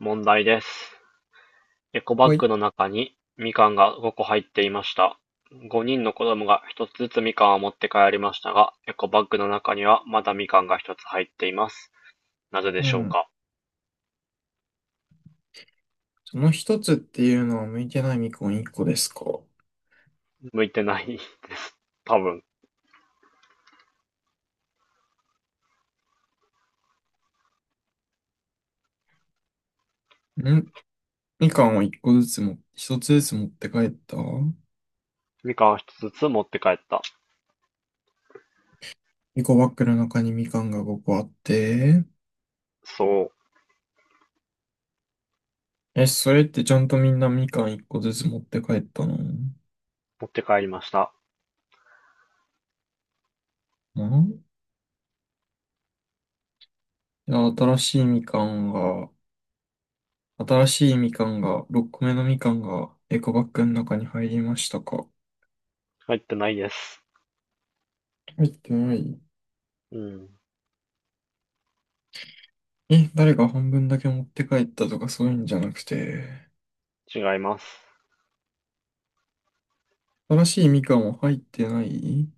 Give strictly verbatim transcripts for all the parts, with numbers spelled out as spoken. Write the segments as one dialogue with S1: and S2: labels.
S1: 問題です。エコバッ
S2: はい。
S1: グの中に、みかんがごこ入っていました。ごにんの子供がひとつずつみかんを持って帰りましたが、エコバッグの中にはまだみかんがひとつ入っています。なぜで
S2: う
S1: しょう
S2: ん。
S1: か。
S2: その一つっていうのは向いてないみかん一個ですか？
S1: 向いてない。多分。
S2: んみかんを一個ずつも、一つずつ持って帰った。
S1: みかんを一つずつ持って帰った。
S2: エコバッグの中にみかんがごこあって。
S1: そう。
S2: え、それってちゃんとみんなみかん一個ずつ持って帰ったのん？
S1: 持って帰りました。
S2: いや、新しいみかんが、新しいみかんが、ろっこめのみかんがエコバッグの中に入りましたか？
S1: 入ってないです。
S2: 入ってない。
S1: うん。
S2: え、誰が半分だけ持って帰ったとかそういうんじゃなくて。
S1: 違います。
S2: 新しいみかんは入ってない。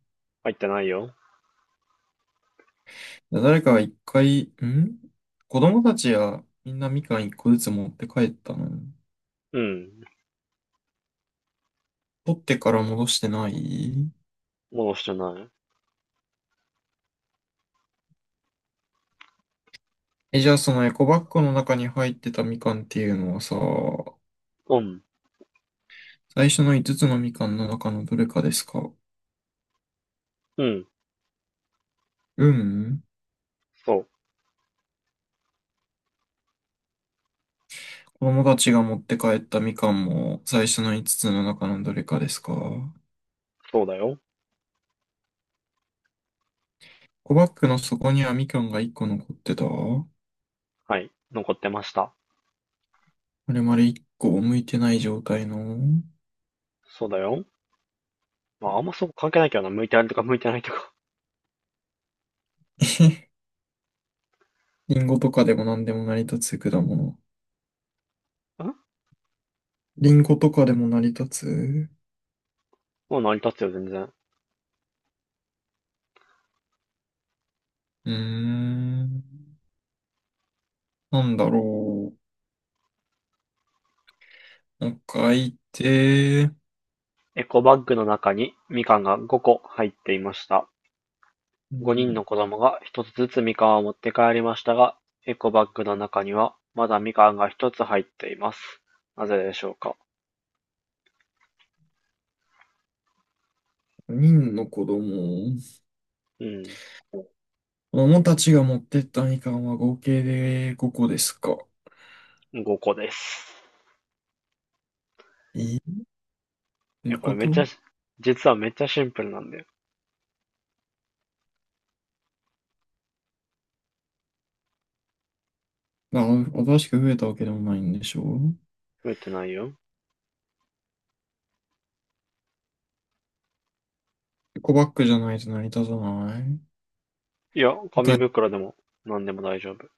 S1: 入ってないよ。
S2: 誰かが一回、ん、子供たちやみんなみかん一個ずつ持って帰ったの？
S1: うん。
S2: 取ってから戻してない。
S1: 戻してない。
S2: え、じゃあそのエコバッグの中に入ってたみかんっていうのはさ、
S1: うん。
S2: 最初のいつつのみかんの中のどれかですか？
S1: うん。
S2: うん。
S1: そう。
S2: 子供たちが持って帰ったみかんも最初のいつつの中のどれかですか？エ
S1: そうだよ。
S2: コバッグの底にはみかんがいっこ残ってたあ
S1: はい。残ってました。
S2: れまるいっこ剥いてない状態の。
S1: そうだよ。まあ、あんまそこ関係ないけどな。向いてあるとか向いてないとか。
S2: リンゴとかでも何でも成り立つ果物。
S1: ん
S2: リンゴとかでも成り立つ。う
S1: もう成り立つよ、全然。
S2: ーん。なんだろう。もう一回言って。
S1: エコバッグの中にみかんがごこ入っていました。
S2: う
S1: ごにんの
S2: ん。
S1: 子供がひとつずつみかんを持って帰りましたが、エコバッグの中にはまだみかんがひとつ入っています。なぜでしょうか。
S2: 人の子供。
S1: うん。
S2: 子供たちが持ってったみかんは合計でごこですか。
S1: ごこです。
S2: えっ、てい
S1: え、
S2: う
S1: こ
S2: こ
S1: れめっちゃ
S2: と？
S1: 実はめっちゃシンプルなんだよ。
S2: まあ、新しく増えたわけでもないんでしょう？
S1: 増えてないよ。
S2: エコバッグじゃないと成り立たない
S1: いや、紙
S2: だ。
S1: 袋でも何でも大丈夫。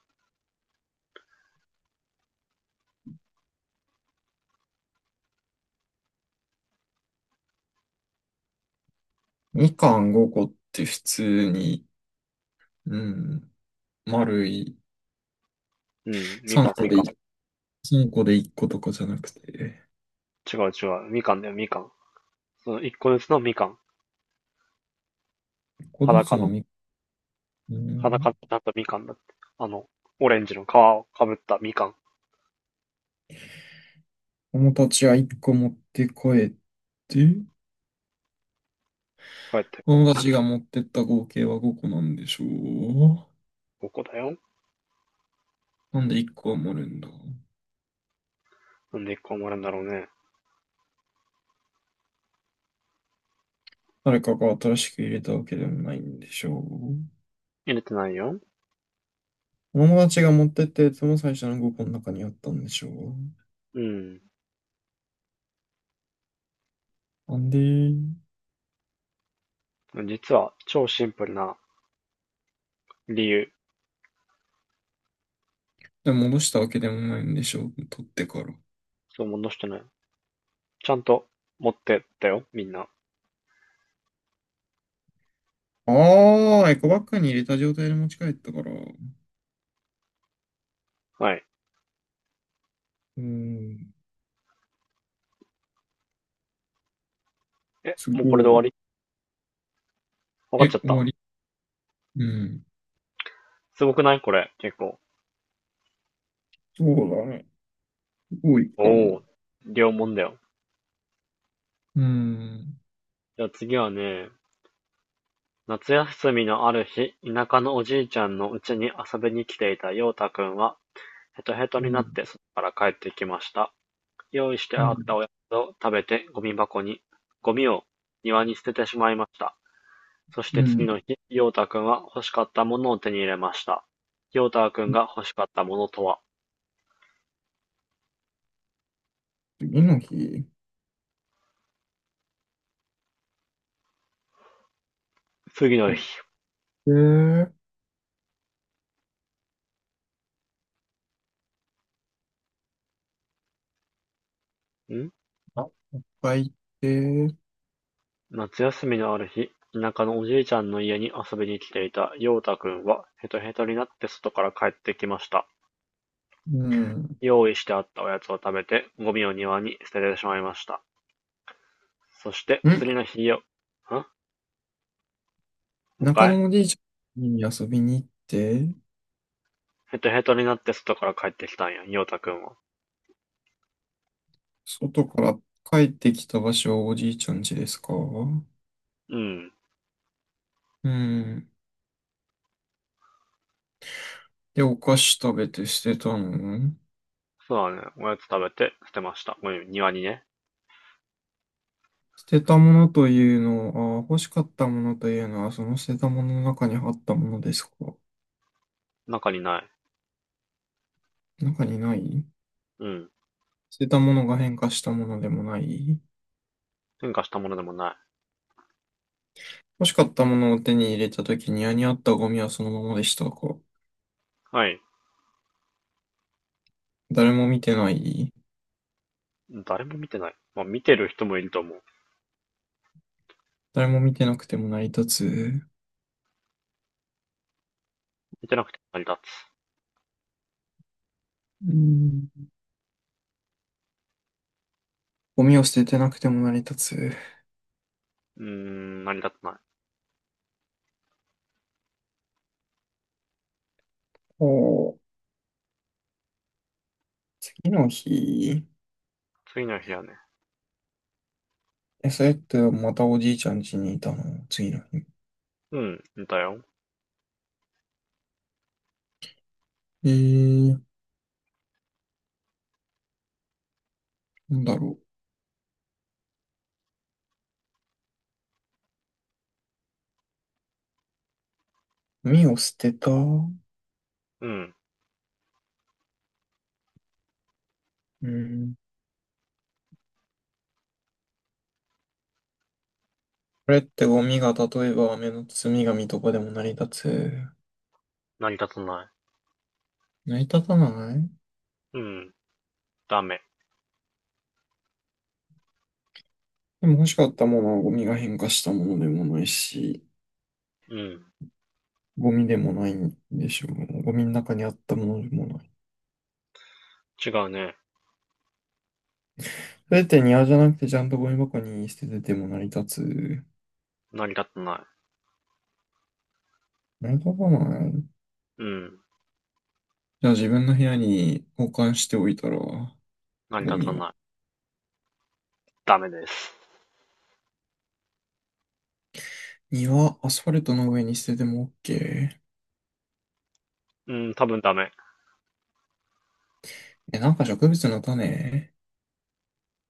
S2: みかんごこって普通に、うん、丸い、
S1: うん。みか
S2: 3
S1: ん、
S2: 個
S1: み
S2: で
S1: かん。
S2: 1 さんこでいっことかじゃなくて、
S1: 違う違う。みかんだよ、みかん。そのいっこずつのみかん。
S2: いっこず
S1: 裸
S2: つの
S1: の
S2: み、う
S1: 裸に
S2: ん、
S1: なったみかんだって。あの、オレンジの皮をかぶったみかん。
S2: 友達はいっこ持って帰って、
S1: 帰って、
S2: 友達が持ってった合計はごこなんでしょう。
S1: ここだよ。
S2: なんでいっこは盛るんだ。
S1: なんで一個埋まるんだろうね。
S2: 誰かが新しく入れたわけでもないんでしょう。
S1: 入れてないよ。
S2: 友達が持ってったやつも最初のごこの中にあったんでしょう。
S1: うん。
S2: なんで、
S1: 実は、超シンプルな理由。
S2: でも戻したわけでもないんでしょう。取ってから。
S1: そう、戻してない。ちゃんと持ってったよ、みんな。
S2: ああ、エコバッグに入れた状態で持ち帰ったから。う
S1: はい。
S2: ーん、
S1: え、
S2: す
S1: もうこれ
S2: ご
S1: で
S2: い。
S1: 終わり。わかっち
S2: え、
S1: ゃっ
S2: 終
S1: た。
S2: わり？うん。
S1: すごくないこれ、結構。
S2: そうだね。多いか
S1: お
S2: も。
S1: お、両んだよ。
S2: うん。
S1: じゃあ次はね、夏休みのある日、田舎のおじいちゃんの家に遊びに来ていた陽太くんは、ヘトヘト
S2: う
S1: になっ
S2: ん。
S1: てそこから帰ってきました。用意して
S2: う
S1: あ
S2: ん。
S1: ったおやつを食べて、ゴミ箱に、ゴミを庭に捨ててしまいました。そして
S2: う
S1: 次
S2: ん、
S1: の日、ヨータんは欲しかったものを手に入れました。ヨータんが欲しかったものとは、
S2: 次の日、
S1: 次の
S2: 乗っ
S1: 日、
S2: て、
S1: ん
S2: あ、帰って、
S1: 夏休みのある日、田舎のおじいちゃんの家に遊びに来ていたヨータくんはヘトヘトになって外から帰ってきました。
S2: うん。ん、
S1: 用意してあったおやつを食べてゴミを庭に捨ててしまいました。そして次の日よ、んもう一
S2: 中野
S1: 回
S2: のおじいちゃんに遊びに行って、
S1: ヘトヘトになって外から帰ってきたんや、ヨータくんは。
S2: 外から帰ってきた場所はおじいちゃん家ですか？
S1: うん。
S2: うん。で、お菓子食べて捨てたの？
S1: そうだね。おやつ食べて捨てました。ごめん、庭にね。
S2: 捨てたものというのは、あ、欲しかったものというのは、その捨てたものの中にあったものですか？
S1: 中にない。
S2: 中にない。
S1: うん。
S2: 捨てたものが変化したものでもない。
S1: 変化したものでもない。
S2: 欲しかったものを手に入れたときに、家にあったゴミはそのままでした。こ
S1: はい。
S2: う誰も見てない。
S1: 誰も見てない。まあ、見てる人もいると思う。
S2: 誰も見てなくても成り立つ。
S1: 見てなくて成り立つ。
S2: うん。ゴミを捨ててなくても成り立つ。
S1: うーん、成り立たない。
S2: おう、次の日。
S1: 次の日はね。
S2: え、それってまたおじいちゃん家にいたの次の日。
S1: うん、いたよ。
S2: えー、なんだろう。ゴミを捨てた。う
S1: うん。
S2: ん。これってゴミが例えば雨の積み紙とかでも成り立つ？
S1: 成り立たな
S2: 成り立たない。
S1: い。うん。ダメ。
S2: でも欲しかったものはゴミが変化したものでもないし、
S1: うん。
S2: ゴミでもないんでしょうね。ゴミの中にあったものでもない。
S1: 違うね。
S2: それって庭じゃなくてちゃんとゴミ箱に捨ててても成り立つ？
S1: 成り立たない。
S2: 成り立たない。
S1: うん。
S2: じゃあ自分の部屋に保管しておいたら、
S1: 成り
S2: ゴ
S1: 立
S2: ミ
S1: た
S2: を。
S1: ない。ダメです。
S2: 庭、アスファルトの上に捨てても OK？
S1: うん、多分ダメ。
S2: え、なんか植物の種？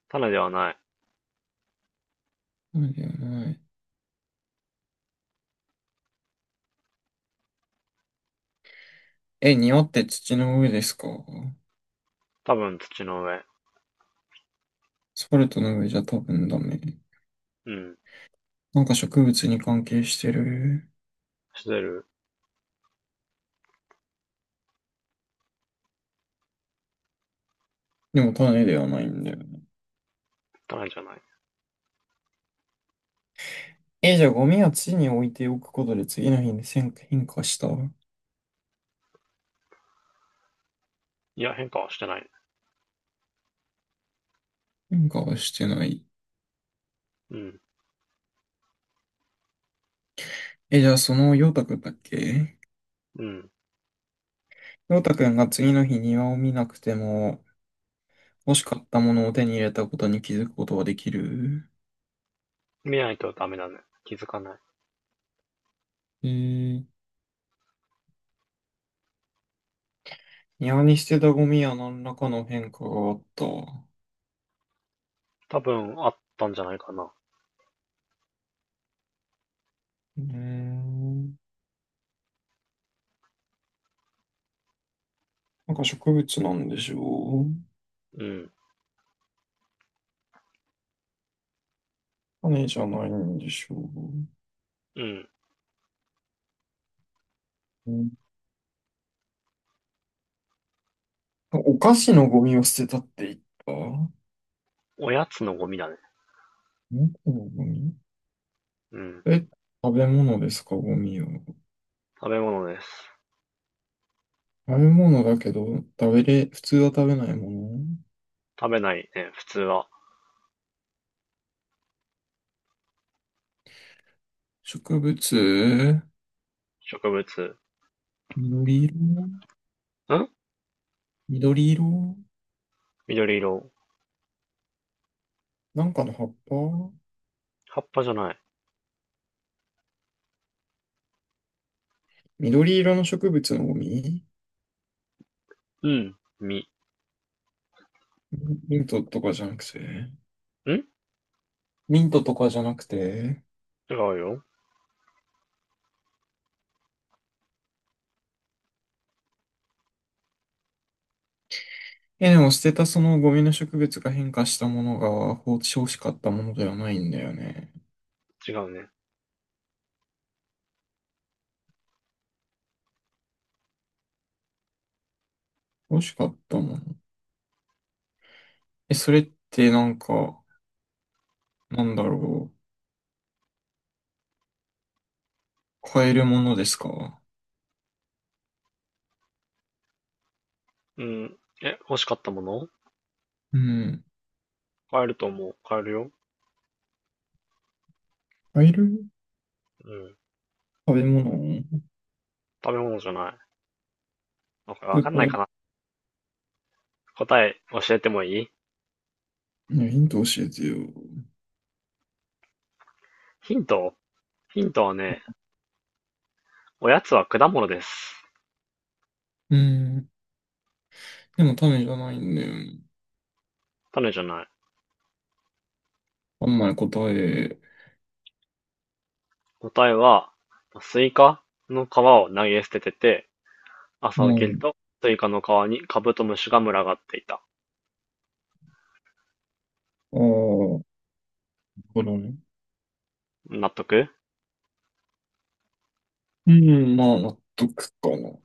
S1: 種ではない。
S2: 種じゃない。え、庭って土の上ですか？ア
S1: 多分土の上。
S2: スファルトの上じゃ多分ダメ。
S1: うん。
S2: なんか植物に関係してる。
S1: してる。
S2: でも種ではないんだよね。
S1: 種じゃない。
S2: え、じゃあゴミは地に置いておくことで次の日に変化変化した
S1: いや、変化はしてない。
S2: 変化はしてない。
S1: うん。
S2: え、じゃあその陽太くんだっけ？
S1: うん。
S2: 陽太くんが次の日庭を見なくても欲しかったものを手に入れたことに気づくことはできる？
S1: 見ないとダメだね。気づかない。
S2: えー、庭に捨てたゴミや何らかの変化があった。う
S1: 多分あったんじゃないかな。
S2: ーん、なんか植物なんでしょう？
S1: うん。
S2: 種じゃないんでしょう、
S1: うん。
S2: うん。お菓子のゴミを捨てたって言った。
S1: おやつのゴミだね。
S2: 猫のゴミ。
S1: うん。
S2: え、食べ物ですか、ゴミは。
S1: 食べ物です。
S2: 食べ物だけど、食べれ、普通は食べないもの。
S1: 食べないね、普通は。
S2: 植物。
S1: 植物。
S2: 緑色。
S1: ん
S2: 緑色、
S1: 緑色。
S2: なんかの葉っぱ？
S1: 葉っぱじゃない。
S2: 緑色の植物のゴミ。
S1: うん。実。
S2: ミントとかじゃなくて
S1: ん違
S2: ミントとかじゃなくて
S1: うよ。
S2: え、でも捨てたそのゴミの植物が変化したものが放置欲しかったものではないんだよね。
S1: 違うね。
S2: 欲しかったもの。え、それってなんか、なんだろう。買えるものですか？
S1: うん。え、欲しかったもの
S2: うん。
S1: 買えると思う。買えるよ。
S2: 買える？
S1: うん。
S2: 食べ物。
S1: 食べ物じゃない。わか
S2: ス
S1: わか
S2: ー
S1: ん
S2: パ
S1: ない
S2: ー
S1: か
S2: で。
S1: な。答え教えてもいい。
S2: ねヒント教えてよ。
S1: ヒントヒントはね、おやつは果物です。
S2: うん。でも、タメじゃないんだよね。
S1: 種じゃない。
S2: あんまり答え。
S1: 答えは、スイカの皮を投げ捨ててて、
S2: う
S1: 朝起きる
S2: ん。
S1: と、スイカの皮にカブトムシが群がっていた。
S2: ああ、なるほどね。
S1: 納得？
S2: うん、まあ、納得かな。